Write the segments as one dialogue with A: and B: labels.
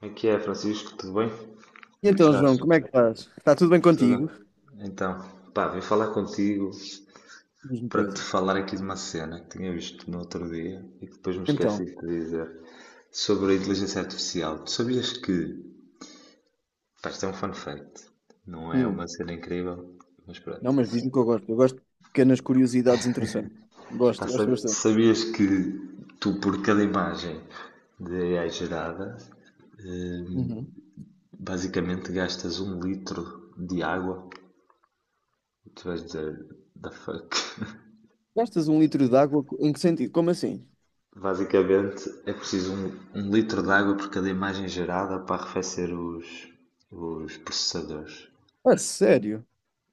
A: Como é que é, Francisco? Tudo bem? Como
B: E
A: é que
B: então,
A: estás?
B: João, como é que estás? Está tudo bem contigo?
A: Tudo? Então, pá, vim falar contigo
B: Diz-me
A: para te
B: coisas.
A: falar aqui de uma cena que tinha visto no outro dia e que depois me esqueci
B: Então,
A: de te dizer sobre a inteligência artificial. Tu sabias que, pá, isto é um fun fact, não é uma
B: hum,
A: cena incrível, mas
B: não,
A: pronto.
B: mas diz-me que eu gosto. Eu gosto de pequenas curiosidades interessantes.
A: Pá,
B: Gosto, gosto bastante.
A: sabias que tu, por cada imagem de AI gerada, hum,
B: Uhum.
A: basicamente gastas um litro de água? Tu vais dizer, the fuck?
B: Gastas um litro de água em que sentido? Como assim?
A: Basicamente é preciso um litro de água por cada imagem gerada para arrefecer os processadores.
B: A sério?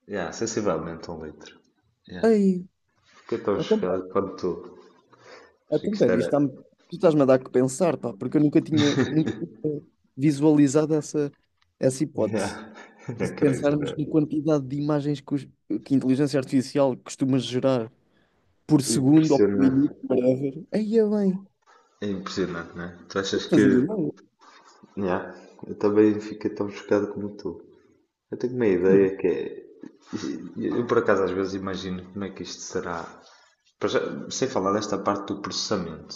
A: Yeah, sensivelmente um litro. Yeah.
B: Ei,
A: Fiquei tão
B: então,
A: chocado
B: pera,
A: quanto tu. Achei que
B: então,
A: isto
B: pera,
A: era.
B: tu estás-me a dar que pensar, pá, porque eu nunca tinha visualizado essa hipótese.
A: Yeah.
B: E
A: Era
B: se
A: crazy, não é?
B: pensarmos na quantidade de imagens que a inteligência artificial costuma gerar por segundo ou por
A: Impressionante.
B: minuto, whatever, aí é bem.
A: É impressionante, não é? Tu achas que.
B: Fazia eu.
A: Yeah. Eu também fiquei tão chocado como tu. Eu tenho uma
B: Não.
A: ideia que é. Eu por acaso às vezes imagino como é que isto será. Sem falar desta parte do processamento.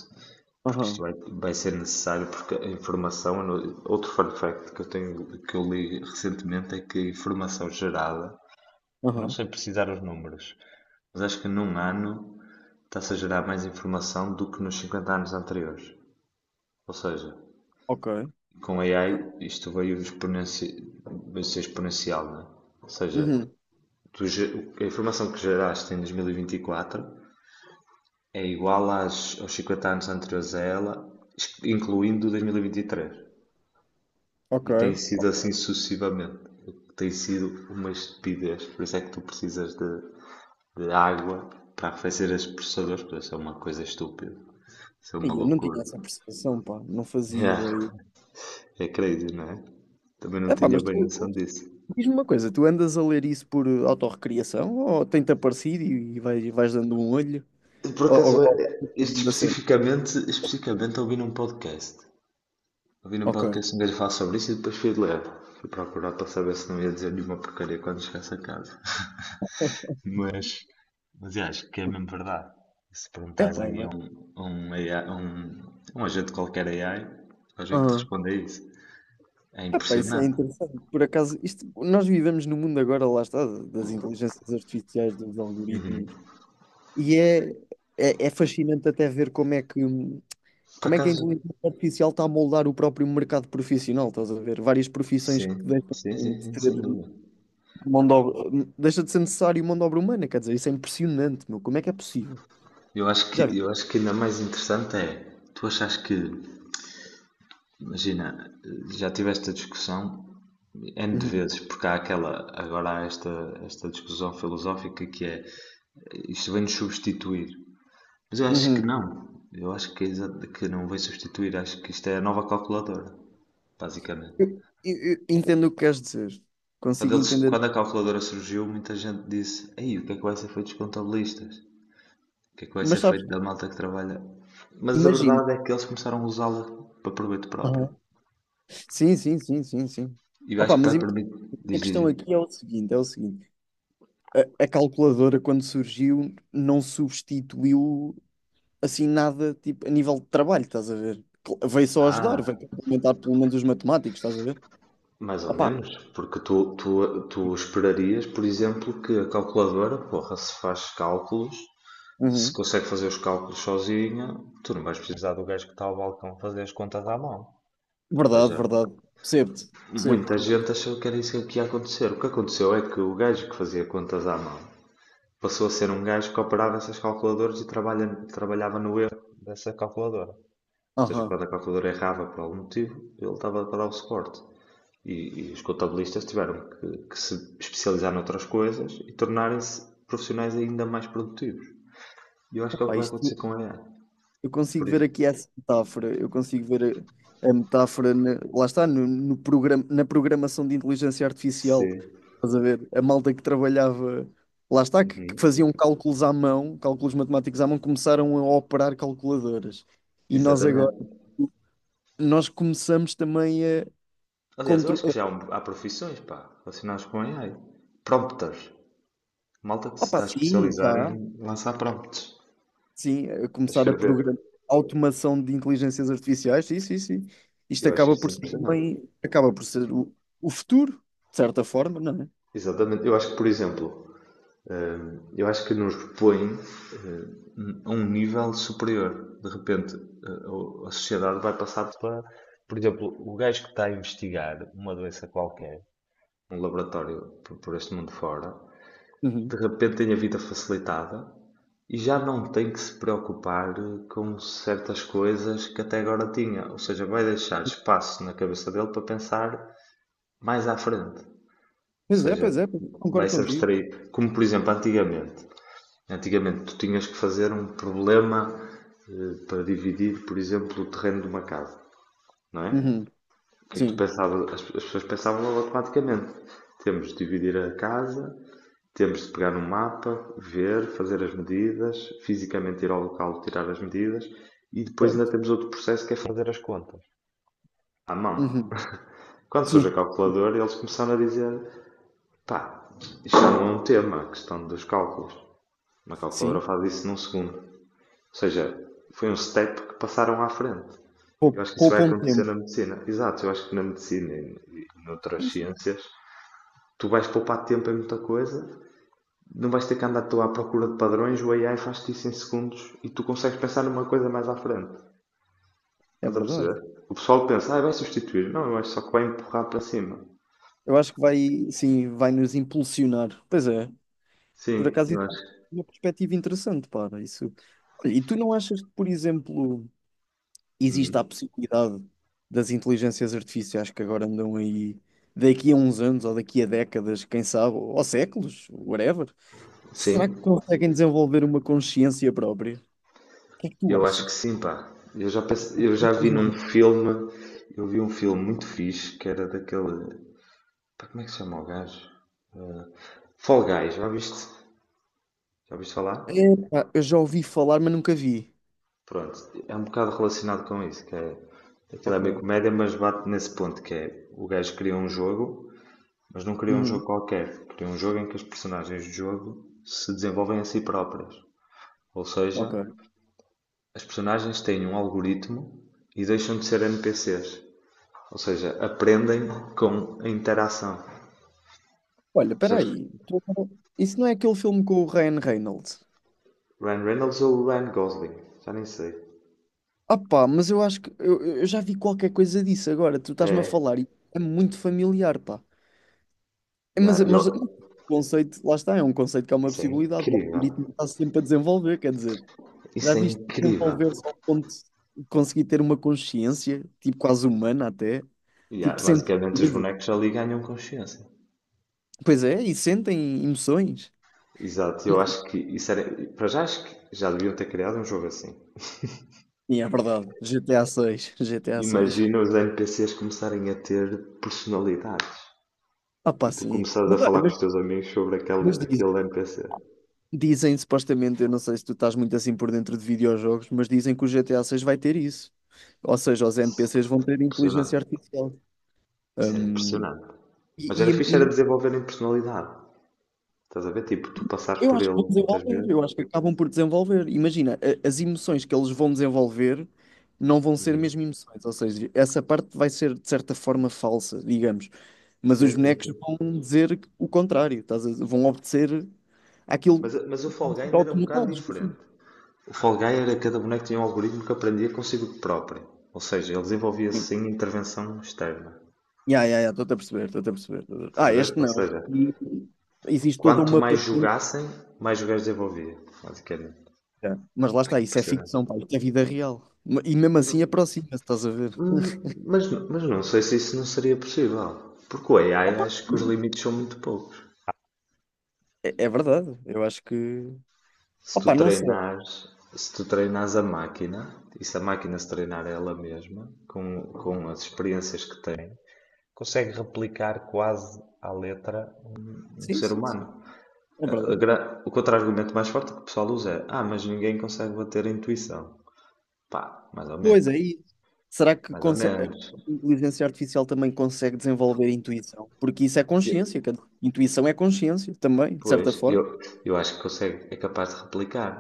A: Porque isto
B: Aham,
A: vai ser necessário, porque a informação, outro fun fact que eu tenho, que eu li recentemente é que a informação gerada, eu não
B: aham.
A: sei precisar os números, mas acho que num ano está-se a gerar mais informação do que nos 50 anos anteriores. Ou seja,
B: Ok,
A: com a AI
B: ok.
A: isto veio, veio ser exponencial, não é? Ou seja,
B: Uhum,
A: tu, a informação que geraste em 2024 é igual às, aos 50 anos anteriores a ela, incluindo 2023.
B: ok.
A: E tem sido assim sucessivamente. Tem sido uma estupidez. Por isso é que tu precisas de água para fazer as processadores, porque isso é uma coisa estúpida. Isso é uma
B: Ai, eu não tinha
A: loucura.
B: essa percepção, pá. Não fazia ideia.
A: É, é crazy, não é? Também não
B: Epá,
A: tinha
B: mas
A: bem noção
B: tu,
A: disso.
B: diz-me uma coisa, tu andas a ler isso por autorrecriação ou tem-te aparecido e vais dando um olho?
A: Por
B: Ou,
A: acaso,
B: ou, ou
A: este
B: mesmo da cena?
A: especificamente ouvi num podcast. Ouvi num
B: Ok.
A: podcast um gajo falar sobre isso e depois fui de ler. Fui procurar para saber se não ia dizer nenhuma porcaria quando chegasse a casa. Mas, mas eu acho que é mesmo verdade. Se perguntas
B: Epá,
A: aí a
B: mas...
A: um, AI, a um agente qualquer AI, vais ver que te
B: Aham.
A: responde a isso. É
B: Epá, isso é
A: impressionante.
B: interessante. Por acaso, isto, nós vivemos no mundo agora, lá está, das inteligências artificiais, dos
A: Uhum.
B: algoritmos. E é, é fascinante até ver como é que
A: Por
B: como é que a
A: acaso,
B: inteligência artificial está a moldar o próprio mercado profissional? Estás a ver? Várias profissões que
A: sim, sim, sim,
B: de
A: sim,
B: ter
A: sem dúvida.
B: deixa de ser necessário mão de obra humana, quer dizer, isso é impressionante, meu. Como é que é possível?
A: Eu acho
B: Já vi.
A: que, eu acho que ainda mais interessante é, tu achas que, imagina, já tiveste a discussão N de
B: Uhum,
A: vezes, porque há aquela, agora há esta discussão filosófica que é, isto vem-nos substituir. Mas eu acho que
B: uhum.
A: não. Eu acho que, que não vai substituir. Acho que isto é a nova calculadora, basicamente.
B: Eu entendo o que queres dizer,
A: Quando,
B: consigo
A: eles,
B: entender,
A: quando a calculadora surgiu, muita gente disse: Ei, o que é que vai ser feito dos contabilistas? O que é que vai
B: mas
A: ser
B: sabes,
A: feito da malta que trabalha? Mas a
B: imagina.
A: verdade é que eles começaram a usá-la para proveito próprio.
B: Aham. Sim, sim, sim, sim, sim.
A: E eu acho
B: Opa,
A: que
B: mas
A: vai
B: imagina,
A: permitir. Diz,
B: a
A: diz,
B: questão
A: diz.
B: aqui é o seguinte. A calculadora, quando surgiu, não substituiu assim nada tipo a nível de trabalho, estás a ver? Veio só ajudar,
A: Ah,
B: veio complementar pelo menos os matemáticos, estás a ver?
A: mais ou
B: Opa,
A: menos, porque tu esperaria, por exemplo, que a calculadora, porra, se faz cálculos. Se
B: uhum.
A: consegue fazer os cálculos sozinha, tu não vais precisar do gajo que está ao balcão fazer as contas à mão. Ou
B: Verdade,
A: seja,
B: verdade. Percebo-te, percebo-te.
A: muita gente achou que era isso que ia acontecer. O que aconteceu é que o gajo que fazia contas à mão passou a ser um gajo que operava essas calculadoras e trabalhava no erro dessa calculadora. Ou seja, quando a
B: Aham.
A: calculadora errava por algum motivo, ele estava para dar o suporte. E, e os contabilistas tiveram que se especializar noutras coisas e tornarem-se profissionais ainda mais produtivos. E eu acho que é o que
B: Opa,
A: vai acontecer
B: isto,
A: com a AI.
B: eu
A: Por,
B: consigo ver
A: ex-
B: aqui essa metáfora, eu consigo ver a metáfora, lá está, no programa, na programação de inteligência artificial,
A: Sim.
B: estás a ver? A malta que trabalhava, lá está, que
A: Uhum.
B: faziam cálculos à mão, cálculos matemáticos à mão, começaram a operar calculadoras. E nós agora,
A: Exatamente.
B: nós começamos também a
A: Aliás, eu acho que
B: controlar.
A: há profissões, pá, relacionadas com AI. Prompters. Malta que se
B: Opa,
A: está a
B: sim,
A: especializar
B: já.
A: em lançar prompts.
B: Sim, a
A: A
B: começar a
A: escrever.
B: programar automação de inteligências artificiais, sim, sim, sim. Isto
A: Eu acho
B: acaba
A: isso
B: por ser
A: impressionante.
B: também, acaba por ser o futuro, de certa forma, não é?
A: Exatamente. Eu acho que, por exemplo, eu acho que nos põe a um nível superior. De repente, a sociedade vai passar para, por exemplo, o gajo que está a investigar uma doença qualquer, um laboratório por este mundo fora, de
B: Uhum.
A: repente tem a vida facilitada. E já não tem que se preocupar com certas coisas que até agora tinha. Ou seja, vai deixar espaço na cabeça dele para pensar mais à frente. Ou
B: Pois é,
A: seja,
B: pois é, pois é,
A: vai
B: concordo
A: se
B: contigo.
A: abstrair. Como, por exemplo, antigamente. Antigamente tu tinhas que fazer um problema para dividir, por exemplo, o terreno de uma casa, não é?
B: Uhum.
A: O que é que tu
B: Sim,
A: pensavas? As pessoas pensavam automaticamente. Temos de dividir a casa, temos de pegar no mapa, ver, fazer as medidas, fisicamente ir ao local tirar as medidas e depois ainda
B: certo.
A: temos outro processo que é fazer as contas à mão.
B: Uhum.
A: Quando surge a
B: Sim,
A: calculadora, eles começaram a dizer: pá, isto não é um tema, a questão dos cálculos. Uma calculadora
B: sim.
A: faz isso num segundo. Ou seja, foi um step que passaram à frente. Eu acho que isso vai
B: Poupa um
A: acontecer
B: tempo.
A: na medicina. Exato, eu acho que na medicina e noutras
B: Sim, sim,
A: ciências tu vais poupar tempo em muita coisa, não vais ter que andar tu à procura de padrões, o AI faz-te isso em segundos e tu consegues pensar numa coisa mais à frente.
B: é
A: Estás a
B: verdade.
A: perceber? O pessoal pensa, ah, vai substituir. Não, eu acho só que vai empurrar para cima.
B: Eu acho que vai, sim, vai nos impulsionar. Pois é. Por
A: Sim,
B: acaso,
A: eu
B: isso
A: acho.
B: é uma perspectiva interessante, para isso. Olha, e tu não achas que, por exemplo, existe a
A: Hum.
B: possibilidade das inteligências artificiais que agora andam aí daqui a uns anos ou daqui a décadas, quem sabe, ou séculos, whatever? Será
A: Sim,
B: que conseguem desenvolver uma consciência própria? O que é que tu
A: eu acho que
B: achas?
A: sim, pá. Eu já vi
B: Acreditas
A: num
B: não?
A: filme, eu vi um filme muito fixe que era daquele. Pá, como é que se chama o gajo? Fall Guys, já viste? Já viste falar?
B: Epá, eu já ouvi falar, mas nunca vi.
A: Pronto, é um bocado relacionado com isso, que é. Aquilo é
B: Ok.
A: meio comédia, mas bate nesse ponto que é o gajo cria um jogo. Mas não queria um
B: Uhum,
A: jogo qualquer, queria um jogo em que as personagens do jogo se desenvolvem a si próprias. Ou seja,
B: ok.
A: as personagens têm um algoritmo e deixam de ser NPCs. Ou seja, aprendem com a interação.
B: Olha, espera
A: Percebes?
B: aí. Isso não é aquele filme com o Ryan Reynolds?
A: Ryan Reynolds ou Ryan Gosling? Já nem sei.
B: Ah, mas eu acho que eu já vi qualquer coisa disso agora. Tu estás-me a
A: É,
B: falar e é muito familiar, pá. É,
A: yeah,
B: Mas o conceito, lá está, é um conceito que é uma
A: isso é
B: possibilidade. O
A: incrível.
B: algoritmo está sempre a desenvolver, quer dizer, já
A: Isso é
B: viste
A: incrível.
B: desenvolver-se ao ponto de conseguir ter uma consciência, tipo quase humana até,
A: Yeah,
B: tipo sentir
A: basicamente, os
B: coisas.
A: bonecos ali ganham consciência.
B: Pois é, e sentem emoções.
A: Exato, eu acho que isso era. Para já, acho que já deviam ter criado um jogo assim.
B: Sim, é verdade. GTA 6, GTA 6 G T A seis.
A: Imagina os NPCs começarem a ter personalidades
B: Ah
A: e
B: pá,
A: tu
B: sim.
A: começares a
B: Mas, olha,
A: falar com
B: mas,
A: os teus amigos sobre
B: mas
A: aquele,
B: diz,
A: aquele NPC.
B: dizem supostamente, eu não sei se tu estás muito assim por dentro de videojogos, mas dizem que o GTA 6 vai ter isso. Ou seja, os NPCs
A: Isso
B: vão
A: era
B: ter inteligência
A: impressionante.
B: artificial.
A: Isso era
B: Um,
A: impressionante. Mas
B: e,
A: era
B: e-
A: fixe era
B: e
A: desenvolverem personalidade. Estás a ver? Tipo, tu passares
B: eu
A: por
B: acho que
A: ele
B: vão
A: muitas
B: desenvolver,
A: vezes.
B: eu acho que acabam por desenvolver. Imagina, as emoções que eles vão desenvolver não vão ser
A: Uhum.
B: mesmo emoções, ou seja, essa parte vai ser de certa forma falsa, digamos. Mas os
A: Sim, sim,
B: bonecos
A: sim.
B: vão dizer o contrário, vão obedecer àquilo
A: Mas,
B: que
A: mas o
B: vão
A: Fall Guy
B: ser
A: ainda era um bocado
B: automatados, no
A: diferente.
B: fim.
A: O Fall Guy era cada boneco tinha um algoritmo que aprendia consigo próprio. Ou seja, ele desenvolvia-se sem intervenção externa.
B: Ya, ya, ya, estou-te a perceber, estou-te a perceber.
A: Estás
B: Ah,
A: a ver?
B: este
A: Ou
B: não.
A: seja,
B: Este existe toda
A: quanto
B: uma
A: mais
B: patente.
A: jogassem, mais o gajo desenvolvia, basicamente.
B: Mas lá
A: Bem
B: está, isso é
A: impressionante.
B: ficção, pá, isto é vida real. E mesmo assim aproxima-se, estás a ver?
A: Mas não sei se isso não seria possível. Porque o AI
B: Opa,
A: acho que os
B: sim,
A: limites são muito poucos.
B: é, é verdade, eu acho que.
A: Se tu
B: Opa, não sei.
A: treinares, se tu treinares a máquina, e se a máquina se treinar ela mesma, com as experiências que tem, consegue replicar quase à letra um
B: Sim,
A: ser
B: sim, sim,
A: humano.
B: é verdade.
A: O contra-argumento mais forte que o pessoal usa é: ah, mas ninguém consegue bater a intuição. Pá, mais ou
B: Pois
A: menos.
B: é, isso. Será que
A: Mais ou
B: consegue...
A: menos.
B: a inteligência artificial também consegue desenvolver a intuição? Porque isso é consciência, quer dizer, intuição é consciência também, de
A: Pois,
B: certa
A: eu,
B: forma.
A: eu acho que consegue, é capaz de replicar.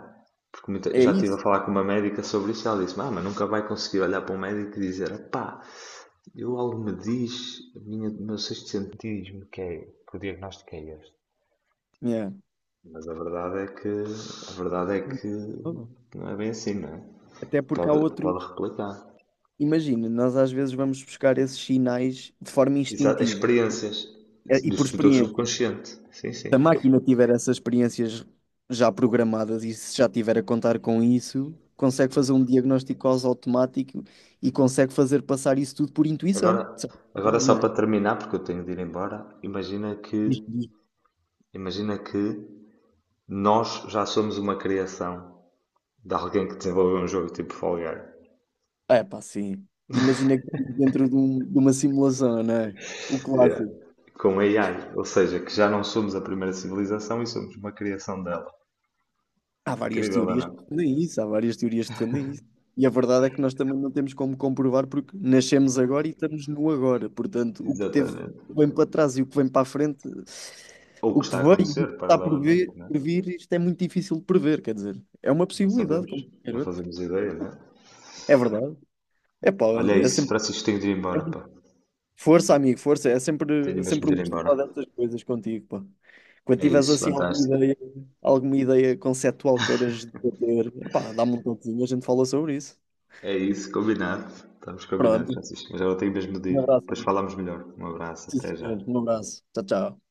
A: Porque eu
B: É
A: já estive a
B: isso.
A: falar com uma médica sobre isso e ela disse: Ah, mas nunca vai conseguir olhar para um médico e dizer: Pá, eu algo me diz, a minha, o meu sexto sentido diz-me que o diagnóstico é este.
B: Yeah.
A: Mas a verdade é que não é bem assim, não é?
B: Até porque há
A: Pode
B: outros.
A: replicar.
B: Imagina, nós às vezes vamos buscar esses sinais de forma
A: Exato, as
B: instintiva
A: experiências
B: e
A: do,
B: por
A: do teu
B: experiência.
A: subconsciente. Sim,
B: Se a
A: sim.
B: máquina tiver essas experiências já programadas e se já tiver a contar com isso, consegue fazer um diagnóstico quase automático e consegue fazer passar isso tudo por
A: Agora,
B: intuição, de certa
A: agora
B: forma,
A: só
B: não é?
A: para terminar, porque eu tenho de ir embora, imagina que,
B: Diz- diz-
A: imagina que nós já somos uma criação de alguém que desenvolveu um jogo tipo Fall Guys,
B: É pá, sim. Imagina que estamos dentro de uma simulação, não é? O
A: eh,
B: clássico.
A: com AI, ou seja, que já não somos a primeira civilização e somos uma criação dela.
B: Há várias
A: Incrível, não
B: teorias
A: é?
B: que defendem isso, há várias teorias que defendem isso. E a verdade é que nós também não temos como comprovar porque nascemos agora e estamos no agora. Portanto, o que teve
A: Exatamente.
B: o que vem para trás e o que vem para a frente,
A: Ou o
B: o
A: que
B: que
A: está a
B: veio e o
A: acontecer
B: que está por
A: paralelamente,
B: vir,
A: não é?
B: por vir, isto é muito difícil de prever, quer dizer, é uma
A: Não
B: possibilidade,
A: sabemos,
B: como qualquer
A: não
B: outra.
A: fazemos ideia, não é?
B: É verdade. É pá,
A: Olha, é
B: olha, é
A: isso,
B: sempre
A: Francisco, tenho de ir embora, pá.
B: força, amigo, força,
A: Tenho
B: é
A: mesmo
B: sempre
A: de
B: um
A: ir
B: gosto
A: embora.
B: falar destas coisas contigo, pá. Quando
A: É
B: tiveres
A: isso,
B: assim
A: fantástico.
B: alguma ideia conceptual queiras debater, pá, dá-me um toquezinho, a gente fala sobre isso.
A: É isso, combinado. Estamos combinados,
B: Pronto.
A: Francisco. Mas agora tenho mesmo de
B: Um
A: ir.
B: abraço,
A: Depois
B: amigo.
A: falamos melhor. Um abraço,
B: Sim,
A: até já.
B: senhor. Um abraço. Tchau, tchau.